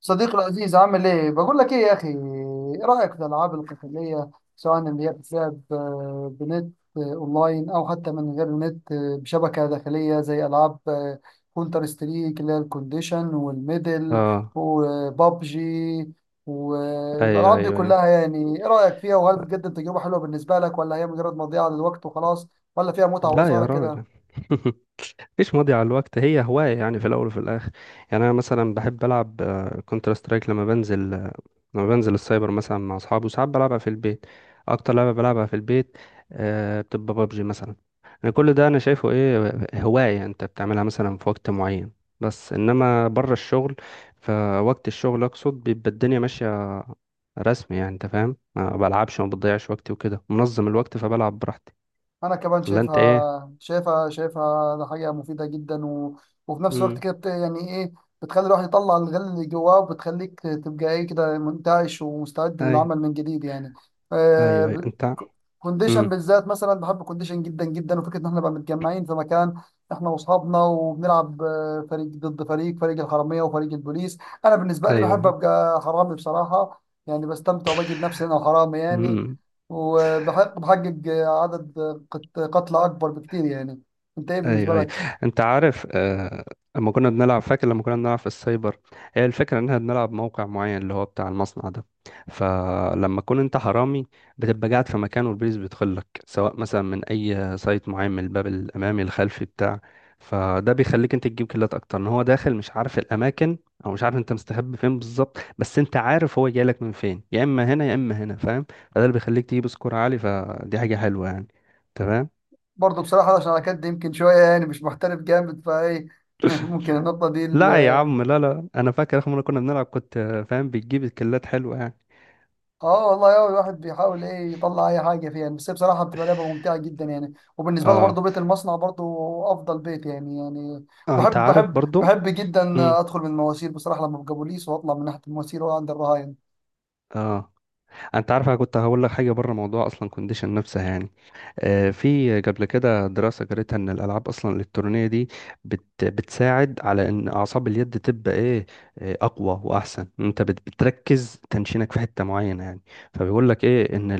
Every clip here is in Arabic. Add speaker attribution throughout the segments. Speaker 1: صديقي العزيز عامل ايه؟ بقول لك ايه يا اخي، ايه رأيك في الالعاب القتالية سواء اللي هي بتلعب، بنت، اونلاين او حتى من غير نت، بشبكة داخلية زي العاب كونتر ستريك اللي هي الكونديشن والميدل
Speaker 2: اه،
Speaker 1: وبابجي؟
Speaker 2: ايوه،
Speaker 1: والالعاب دي
Speaker 2: ايوه، ايوه.
Speaker 1: كلها يعني ايه رأيك فيها؟ وهل بتقدم تجربة حلوة بالنسبة لك، ولا هي مجرد مضيعة للوقت وخلاص، ولا فيها متعة
Speaker 2: لا
Speaker 1: وإثارة
Speaker 2: يا
Speaker 1: كده؟
Speaker 2: راجل. مفيش ماضي على الوقت، هي هواية يعني في الأول وفي الآخر. يعني أنا مثلا بحب ألعب كونتر سترايك لما بنزل السايبر مثلا مع أصحابي، وساعات بلعبها في البيت. أكتر لعبة بلعبها في البيت بتبقى بابجي مثلا. أنا كل ده أنا شايفه إيه، هواية أنت بتعملها مثلا في وقت معين، بس إنما بره الشغل. فوقت الشغل أقصد بيبقى الدنيا ماشية رسمي، يعني أنت فاهم، ما بلعبش وما بضيعش وقتي وكده، منظم الوقت فبلعب براحتي.
Speaker 1: انا كمان
Speaker 2: ولا انت ايه؟
Speaker 1: شايفها، ده حاجه مفيده جدا وفي نفس الوقت
Speaker 2: امم.
Speaker 1: كده يعني ايه، بتخلي الواحد يطلع الغل اللي جواه، وبتخليك تبقى ايه كده، منتعش ومستعد للعمل
Speaker 2: ايوه،
Speaker 1: من جديد يعني. آه...
Speaker 2: ايوه، ايوه
Speaker 1: ب-
Speaker 2: انت.
Speaker 1: ك- كونديشن
Speaker 2: امم.
Speaker 1: بالذات مثلا بحب كونديشن جدا جدا، وفكره ان احنا نبقى متجمعين في مكان، احنا واصحابنا، وبنلعب فريق ضد فريق، فريق الحراميه وفريق البوليس. انا بالنسبه لي
Speaker 2: ايوه،
Speaker 1: بحب
Speaker 2: ايوه.
Speaker 1: ابقى حرامي بصراحه، يعني بستمتع وبجد نفسي انا حرامي يعني.
Speaker 2: امم.
Speaker 1: وبحقق عدد قتلى أكبر بكتير يعني. أنت إيه بالنسبة
Speaker 2: ايوه، ايوه.
Speaker 1: لك؟
Speaker 2: انت عارف، لما كنا بنلعب فاكر لما كنا بنلعب في السايبر، هي الفكره ان احنا بنلعب موقع معين اللي هو بتاع المصنع ده. فلما تكون انت حرامي، بتبقى قاعد في مكان، والبوليس بيدخل لك سواء مثلا من اي سايت معين، من الباب الامامي الخلفي بتاع. فده بيخليك انت تجيب كيلات اكتر، ان هو داخل مش عارف الاماكن، او مش عارف انت مستخبي فين بالظبط، بس انت عارف هو جاي لك من فين، يا اما هنا يا اما هنا، فاهم. فده اللي بيخليك تجيب سكور عالي، فدي حاجه حلوه يعني. تمام.
Speaker 1: برضه بصراحة عشان على كد يمكن شوية يعني مش محترف جامد فإيه ممكن النقطة دي
Speaker 2: لا يا عم لا لا انا فاكر اخر مره كنا بنلعب كنت فاهم بتجيب الكلات حلوه يعني.
Speaker 1: اه والله هو الواحد بيحاول ايه يطلع اي حاجه فيها يعني، بس هي بصراحه بتبقى لعبه ممتعه جدا يعني. وبالنسبه لي برضه
Speaker 2: اه.
Speaker 1: بيت المصنع برضه افضل بيت يعني.
Speaker 2: انت
Speaker 1: بحب
Speaker 2: عارف
Speaker 1: بحب
Speaker 2: برضو.
Speaker 1: بحب جدا
Speaker 2: امم.
Speaker 1: ادخل من المواسير بصراحه لما ببقى بوليس، واطلع من ناحيه المواسير، واقعد عند الرهاين.
Speaker 2: اه، انت عارف انا كنت هقول لك حاجه بره موضوع اصلا كونديشن نفسها يعني. آه، في قبل كده دراسه قريتها ان الالعاب اصلا الالكترونيه دي بتساعد على ان اعصاب اليد تبقى ايه، اقوى واحسن. انت بتركز تنشينك في حته معينه يعني. فبيقول لك ايه، ان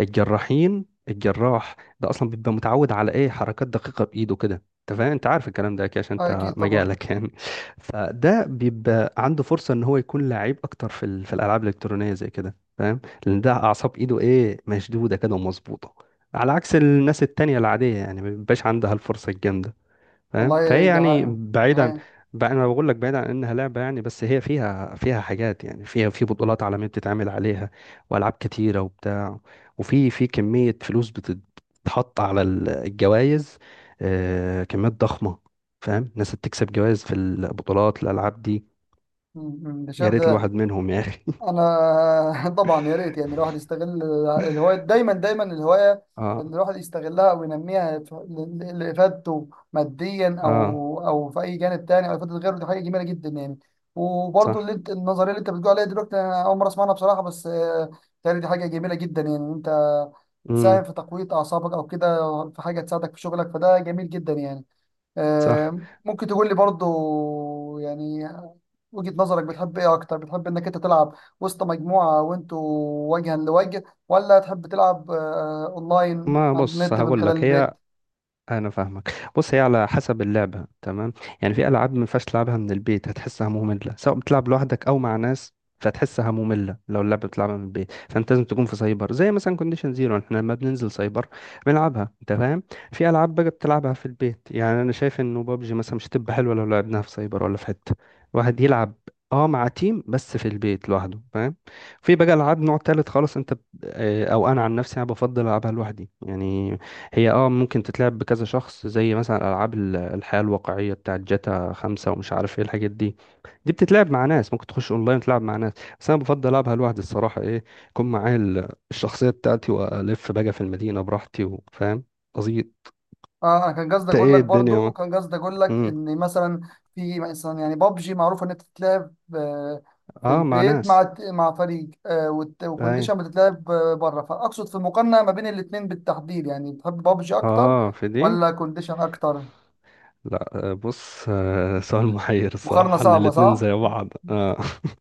Speaker 2: الجراح ده اصلا بيبقى متعود على ايه، حركات دقيقه بايده كده. انت فاهم، انت عارف الكلام ده اكيد عشان
Speaker 1: آه
Speaker 2: انت
Speaker 1: اكيد طبعا.
Speaker 2: مجالك يعني. فده بيبقى عنده فرصه ان هو يكون لعيب اكتر في في الالعاب الالكترونيه زي كده، فاهم. لان ده اعصاب ايده ايه، مشدوده كده ومظبوطه، على عكس الناس التانية العادية يعني، ما بيبقاش عندها الفرصة الجامدة. فاهم، فهي
Speaker 1: والله دي
Speaker 2: يعني
Speaker 1: حقيقة دي
Speaker 2: بعيدا.
Speaker 1: حقيقة.
Speaker 2: بقى انا بقول لك، بعيدا عن انها لعبه يعني، بس هي فيها حاجات يعني، فيها في بطولات عالميه بتتعمل عليها، والعاب كتيره وبتاع، وفي كميه فلوس بتتحط على الجوائز، آه، كميات ضخمه. فاهم، ناس بتكسب جوائز في البطولات الالعاب دي.
Speaker 1: م- م. ده
Speaker 2: يا
Speaker 1: شايف
Speaker 2: ريت
Speaker 1: ده.
Speaker 2: الواحد منهم يا اخي.
Speaker 1: انا طبعا يا ريت يعني الواحد يستغل الهوايه، دايما دايما الهوايه
Speaker 2: اه.
Speaker 1: اللي الواحد يستغلها وينميها لافادته ماديا،
Speaker 2: اه،
Speaker 1: او او في اي جانب تاني، او افاده غيره، دي حاجه جميله جدا يعني. وبرضه
Speaker 2: صح.
Speaker 1: اللي انت النظريه اللي انت بتقول عليها دلوقتي انا اول مره اسمعها بصراحه، بس بيتهيألي دي حاجه جميله جدا يعني، إن انت
Speaker 2: امم.
Speaker 1: تساهم في تقويه اعصابك او كده، في حاجه تساعدك في شغلك، فده جميل جدا يعني.
Speaker 2: صح.
Speaker 1: ممكن تقول لي برضو يعني وجهة نظرك، بتحب ايه اكتر؟ بتحب انك انت تلعب وسط مجموعة وانتوا وجها لوجه، ولا تحب تلعب اونلاين
Speaker 2: ما
Speaker 1: على
Speaker 2: بص
Speaker 1: النت من
Speaker 2: هقول
Speaker 1: خلال
Speaker 2: لك، هي
Speaker 1: البيت؟
Speaker 2: انا فاهمك، بص هي على حسب اللعبه تمام. يعني في العاب ما ينفعش تلعبها من البيت، هتحسها ممله سواء بتلعب لوحدك او مع ناس. فتحسها ممله. لو اللعبه بتلعبها من البيت، فانت لازم تكون في سايبر زي مثلا كونديشن زيرو. احنا لما بننزل سايبر بنلعبها، انت فاهم. في العاب بقى بتلعبها في البيت، يعني انا شايف انه بابجي مثلا مش هتبقى حلوه لو لعبناها في سايبر، ولا في حته واحد يلعب اه مع تيم، بس في البيت لوحده، فاهم. في بقى العاب نوع تالت خالص، انت او انا عن نفسي انا بفضل العبها لوحدي يعني. هي اه ممكن تتلعب بكذا شخص زي مثلا العاب الحياة الواقعية بتاعت جاتا خمسة ومش عارف ايه الحاجات دي. دي بتتلعب مع ناس، ممكن تخش اونلاين تلعب مع ناس، بس انا بفضل العبها لوحدي الصراحة ايه، يكون معايا الشخصية بتاعتي، والف بقى في المدينة براحتي، وفاهم قصدي.
Speaker 1: اه انا كان قصدي
Speaker 2: انت
Speaker 1: اقول لك
Speaker 2: ايه الدنيا
Speaker 1: برضو،
Speaker 2: ما.
Speaker 1: كان قصدي اقول لك
Speaker 2: مم.
Speaker 1: ان مثلا في مثلا يعني بابجي معروفة ان انت تتلعب في
Speaker 2: اه، مع
Speaker 1: البيت
Speaker 2: ناس.
Speaker 1: مع فريق،
Speaker 2: اي.
Speaker 1: وكونديشن بتتلعب بره، فاقصد في المقارنة ما بين الاتنين بالتحديد يعني. بتحب بابجي اكتر
Speaker 2: اه في دي.
Speaker 1: ولا كونديشن اكتر؟
Speaker 2: لا، بص، سؤال محير
Speaker 1: مقارنة
Speaker 2: الصراحة، ان
Speaker 1: صعبة
Speaker 2: الاتنين
Speaker 1: صح؟
Speaker 2: زي بعض آه.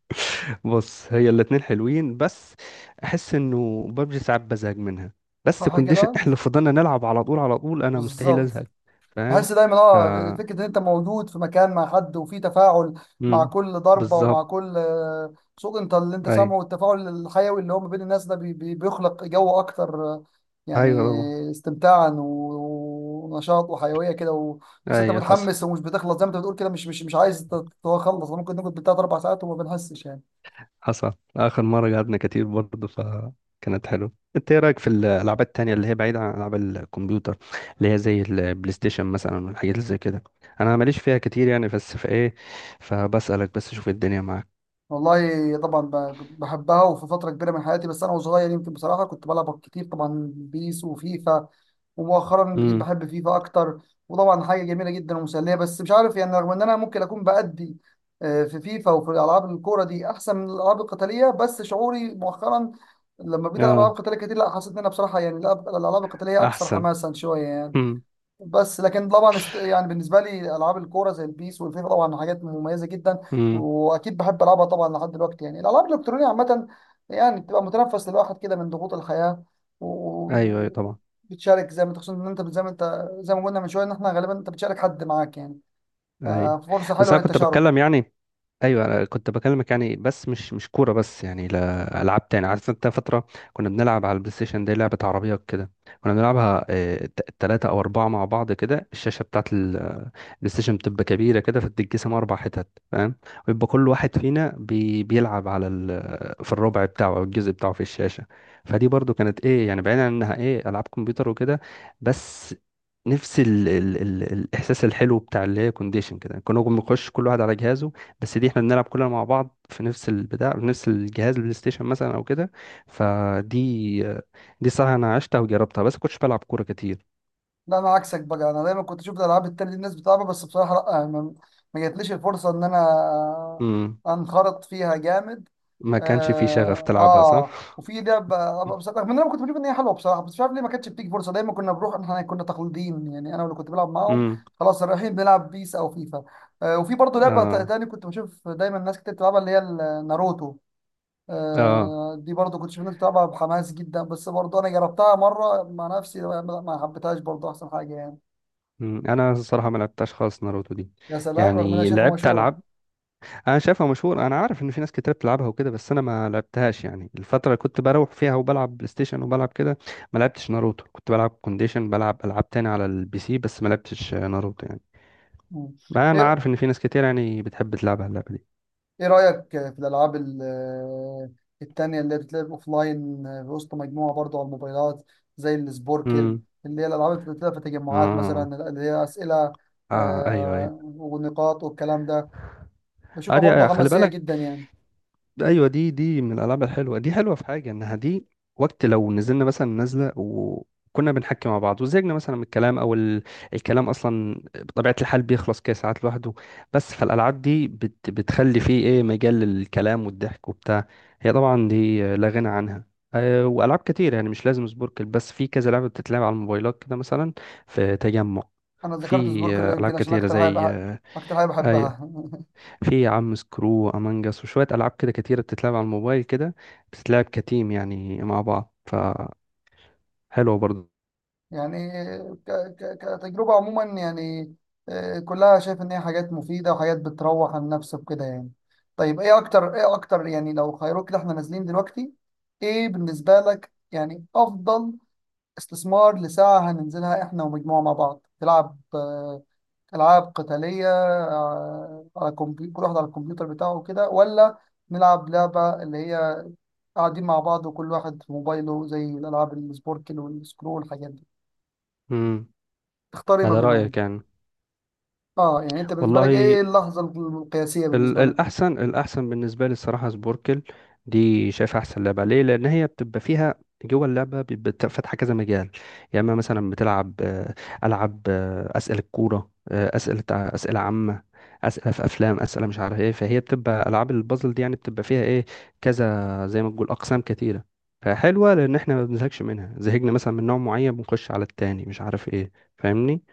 Speaker 2: بص هي الاتنين حلوين، بس احس انه ببجي ساعات بزهق منها، بس
Speaker 1: صح
Speaker 2: كونديشن
Speaker 1: كده؟
Speaker 2: احنا لو فضلنا نلعب على طول على طول، انا مستحيل
Speaker 1: بالظبط.
Speaker 2: ازهق. فاهم.
Speaker 1: بحس دايما
Speaker 2: ف
Speaker 1: اه، فكرة ان انت موجود في مكان مع حد وفي تفاعل مع
Speaker 2: مم.
Speaker 1: كل ضربة ومع
Speaker 2: بالظبط.
Speaker 1: كل صوت انت اللي انت
Speaker 2: ايوه،
Speaker 1: سامعه، والتفاعل الحيوي اللي هو ما بين الناس ده بيخلق جو اكتر، يعني
Speaker 2: ايوه، طبعا.
Speaker 1: استمتاعا ونشاط وحيوية كده، وتحس انت
Speaker 2: ايوه حصل.
Speaker 1: متحمس ومش بتخلص زي ما انت بتقول كده، مش عايز تخلص. ممكن نقعد بالثلاث اربع ساعات وما بنحسش يعني.
Speaker 2: حصل آخر مرة قعدنا كتير برضه، فكانت حلوة. انت ايه رأيك في الألعاب التانية اللي هي بعيدة عن ألعاب الكمبيوتر، اللي هي زي البلاي ستيشن مثلا والحاجات اللي زي كده؟ أنا ماليش فيها كتير يعني، بس في ايه، فبسألك بس شوف الدنيا معاك.
Speaker 1: والله طبعا بحبها، وفي فترة كبيرة من حياتي بس أنا وصغير يمكن بصراحة كنت بلعب كتير طبعا بيس وفيفا. ومؤخرا بقيت
Speaker 2: امم.
Speaker 1: بحب فيفا أكتر، وطبعا حاجة جميلة جدا ومسلية، بس مش عارف يعني رغم إن أنا ممكن أكون بأدي في فيفا وفي ألعاب الكورة دي أحسن من الألعاب القتالية، بس شعوري مؤخرا لما بقيت ألعب ألعاب
Speaker 2: اه.
Speaker 1: قتالية كتير لا، حسيت إن أنا بصراحة يعني الألعاب القتالية أكثر
Speaker 2: أحسن.
Speaker 1: حماسا شوية يعني.
Speaker 2: امم.
Speaker 1: بس لكن طبعا يعني بالنسبه لي العاب الكوره زي البيس والفيفا طبعا حاجات مميزه جدا،
Speaker 2: امم.
Speaker 1: واكيد بحب العبها طبعا لحد دلوقتي يعني. الالعاب الالكترونيه عامه يعني بتبقى متنفس للواحد كده من ضغوط الحياه،
Speaker 2: أيوه، أيوه،
Speaker 1: و...
Speaker 2: طبعا.
Speaker 1: بتشارك زي ما تقصد ان انت زي ما قلنا من شويه ان احنا غالبا انت بتشارك حد معاك يعني،
Speaker 2: أيوه،
Speaker 1: ففرصه
Speaker 2: بس
Speaker 1: حلوه
Speaker 2: أنا كنت
Speaker 1: للتشارك.
Speaker 2: بتكلم يعني. ايوه انا كنت بكلمك يعني، بس مش كوره بس يعني، لا العاب تاني، عارف انت فتره كنا بنلعب على البلاي ستيشن دي لعبه عربيه كده كنا بنلعبها، ثلاثه او اربعه مع بعض كده. الشاشه بتاعت البلاي ستيشن بتبقى كبيره كده، فتتقسم اربع حتت، فاهم. ويبقى كل واحد فينا بيلعب على ال... آه، في الربع بتاعه او الجزء بتاعه في الشاشه. فدي برضو كانت ايه يعني، بعيدا عن انها ايه العاب كمبيوتر وكده، بس نفس ال ال ال الاحساس الحلو بتاع، اللي هي كونديشن كده كنا بنخش كل واحد على جهازه، بس دي احنا بنلعب كلنا مع بعض في نفس البتاع، في نفس الجهاز البلاي ستيشن مثلا او كده. فدي، دي صراحة انا عشتها وجربتها، بس كنتش بلعب كورة كتير.
Speaker 1: لا انا عكسك بقى، انا دايما كنت اشوف الالعاب التانية دي الناس بتلعبها، بس بصراحه لا، ما جاتليش الفرصه ان انا
Speaker 2: امم.
Speaker 1: انخرط فيها جامد.
Speaker 2: ما كانش في شغف
Speaker 1: اه،
Speaker 2: تلعبها،
Speaker 1: آه.
Speaker 2: صح.
Speaker 1: وفي ده ابقى بصراحه من انا كنت بشوف ان هي حلوه بصراحه، بس مش عارف ليه ما كانتش بتيجي فرصه. دايما كنا بنروح، احنا كنا تقليديين يعني، انا واللي كنت بلعب معاهم
Speaker 2: امم.
Speaker 1: خلاص رايحين بنلعب بيس او فيفا. آه وفي برضه لعبه
Speaker 2: اه.
Speaker 1: تاني كنت بشوف دايما ناس كتير بتلعبها اللي هي ناروتو.
Speaker 2: اه.
Speaker 1: آه دي برضه كنت شايف ناس بتلعبها بحماس جدا، بس برضه انا جربتها مره مع نفسي ما حبيتهاش برضه، احسن حاجه يعني.
Speaker 2: انا الصراحه ما لعبتهاش خالص ناروتو دي.
Speaker 1: يا سلام، رغم ان انا
Speaker 2: يعني
Speaker 1: شايفها
Speaker 2: لعبت
Speaker 1: مشهوره.
Speaker 2: العاب، انا شايفها مشهور، انا عارف ان في ناس كتير بتلعبها وكده، بس انا ما لعبتهاش يعني. الفتره اللي كنت بروح فيها وبلعب بلاي ستيشن وبلعب كده، ما لعبتش ناروتو، كنت بلعب كونديشن، بلعب العاب تاني على البي سي، بس ما لعبتش ناروتو يعني.
Speaker 1: مم.
Speaker 2: ما انا
Speaker 1: ايه
Speaker 2: عارف ان في ناس كتير يعني بتحب تلعب على اللعبه دي.
Speaker 1: ايه رأيك في الالعاب التانية اللي بتتلعب اوفلاين في وسط مجموعة برضو على الموبايلات، زي السبوركل،
Speaker 2: امم.
Speaker 1: اللي هي الالعاب اللي بتتلعب في تجمعات
Speaker 2: اه.
Speaker 1: مثلا، اللي هي اسئلة
Speaker 2: اه. ايوه، ايوه.
Speaker 1: ونقاط والكلام ده؟ بشوفها برضو
Speaker 2: ادي خلي
Speaker 1: حماسية جدا
Speaker 2: بالك.
Speaker 1: يعني.
Speaker 2: ايوه، دي من الالعاب الحلوه، دي حلوه في حاجه انها دي وقت لو نزلنا مثلا نازله وكنا بنحكي مع بعض وزهقنا مثلا من الكلام او الكلام اصلا بطبيعه الحال بيخلص كده ساعات لوحده، بس فالالعاب دي بتخلي فيه ايه، مجال للكلام والضحك وبتاع. هي طبعا دي لا غنى عنها. أه والعاب كتير يعني، مش لازم سبوركل بس، في كذا لعبه بتتلعب على الموبايلات كده مثلا في تجمع.
Speaker 1: انا ذكرت
Speaker 2: في
Speaker 1: سبوركل
Speaker 2: العاب
Speaker 1: يمكن عشان
Speaker 2: كتيره
Speaker 1: اكتر
Speaker 2: زي آه،
Speaker 1: اكتر حاجة
Speaker 2: اي،
Speaker 1: بحبها
Speaker 2: في يا عم سكرو امانجاس وشويه العاب كده كتيره بتتلعب على الموبايل كده، بتتلعب كتيم يعني مع بعض، فحلوه برضه.
Speaker 1: يعني ك ك كتجربة عموما يعني، كلها شايف ان هي حاجات مفيدة وحاجات بتروح عن النفس وكده يعني. طيب ايه اكتر، ايه اكتر يعني لو خيروك كده، احنا نازلين دلوقتي ايه بالنسبة لك يعني افضل استثمار لساعة هننزلها احنا ومجموعة مع بعض؟ تلعب العاب قتالية على كمبيوتر، كل واحد على الكمبيوتر بتاعه وكده، ولا نلعب لعبة اللي هي قاعدين مع بعض وكل واحد في موبايله زي الالعاب السبوركل والسكرو والحاجات دي؟
Speaker 2: امم.
Speaker 1: تختاري ما
Speaker 2: يعني ده رايك
Speaker 1: بينهم.
Speaker 2: يعني.
Speaker 1: اه يعني انت بالنسبه لك
Speaker 2: والله،
Speaker 1: ايه اللحظه القياسيه بالنسبه لك؟
Speaker 2: الأحسن بالنسبة لي الصراحة سبوركل. دي شايف أحسن لعبة، ليه؟ لأن هي بتبقى فيها، جوه اللعبة بيبقى فاتحة كذا مجال. يا إما مثلا بتلعب ألعب أسئلة الكورة، آه، أسئلة عامة، أسئلة في أفلام، أسئلة مش عارف إيه. فهي بتبقى ألعاب البازل دي يعني، بتبقى فيها إيه، كذا زي ما تقول أقسام كتيرة. فحلوة، لأن إحنا ما بنزهقش منها، زهقنا مثلا من نوع معين بنخش على التاني مش عارف إيه. فاهمني؟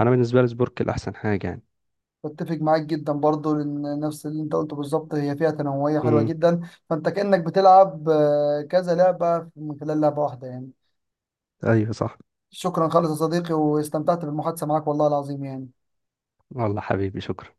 Speaker 2: أنا بالنسبة لي سبوركل أحسن حاجة يعني.
Speaker 1: بتفق معاك جدا برضو، لان نفس اللي انت قلته بالظبط، هي فيها تنوعيه حلوه
Speaker 2: امم.
Speaker 1: جدا، فانت كانك بتلعب كذا لعبه من خلال لعبه واحده يعني.
Speaker 2: أيوه، صح.
Speaker 1: شكرا خالص يا صديقي، واستمتعت بالمحادثه معاك والله العظيم يعني.
Speaker 2: والله حبيبي شكرا.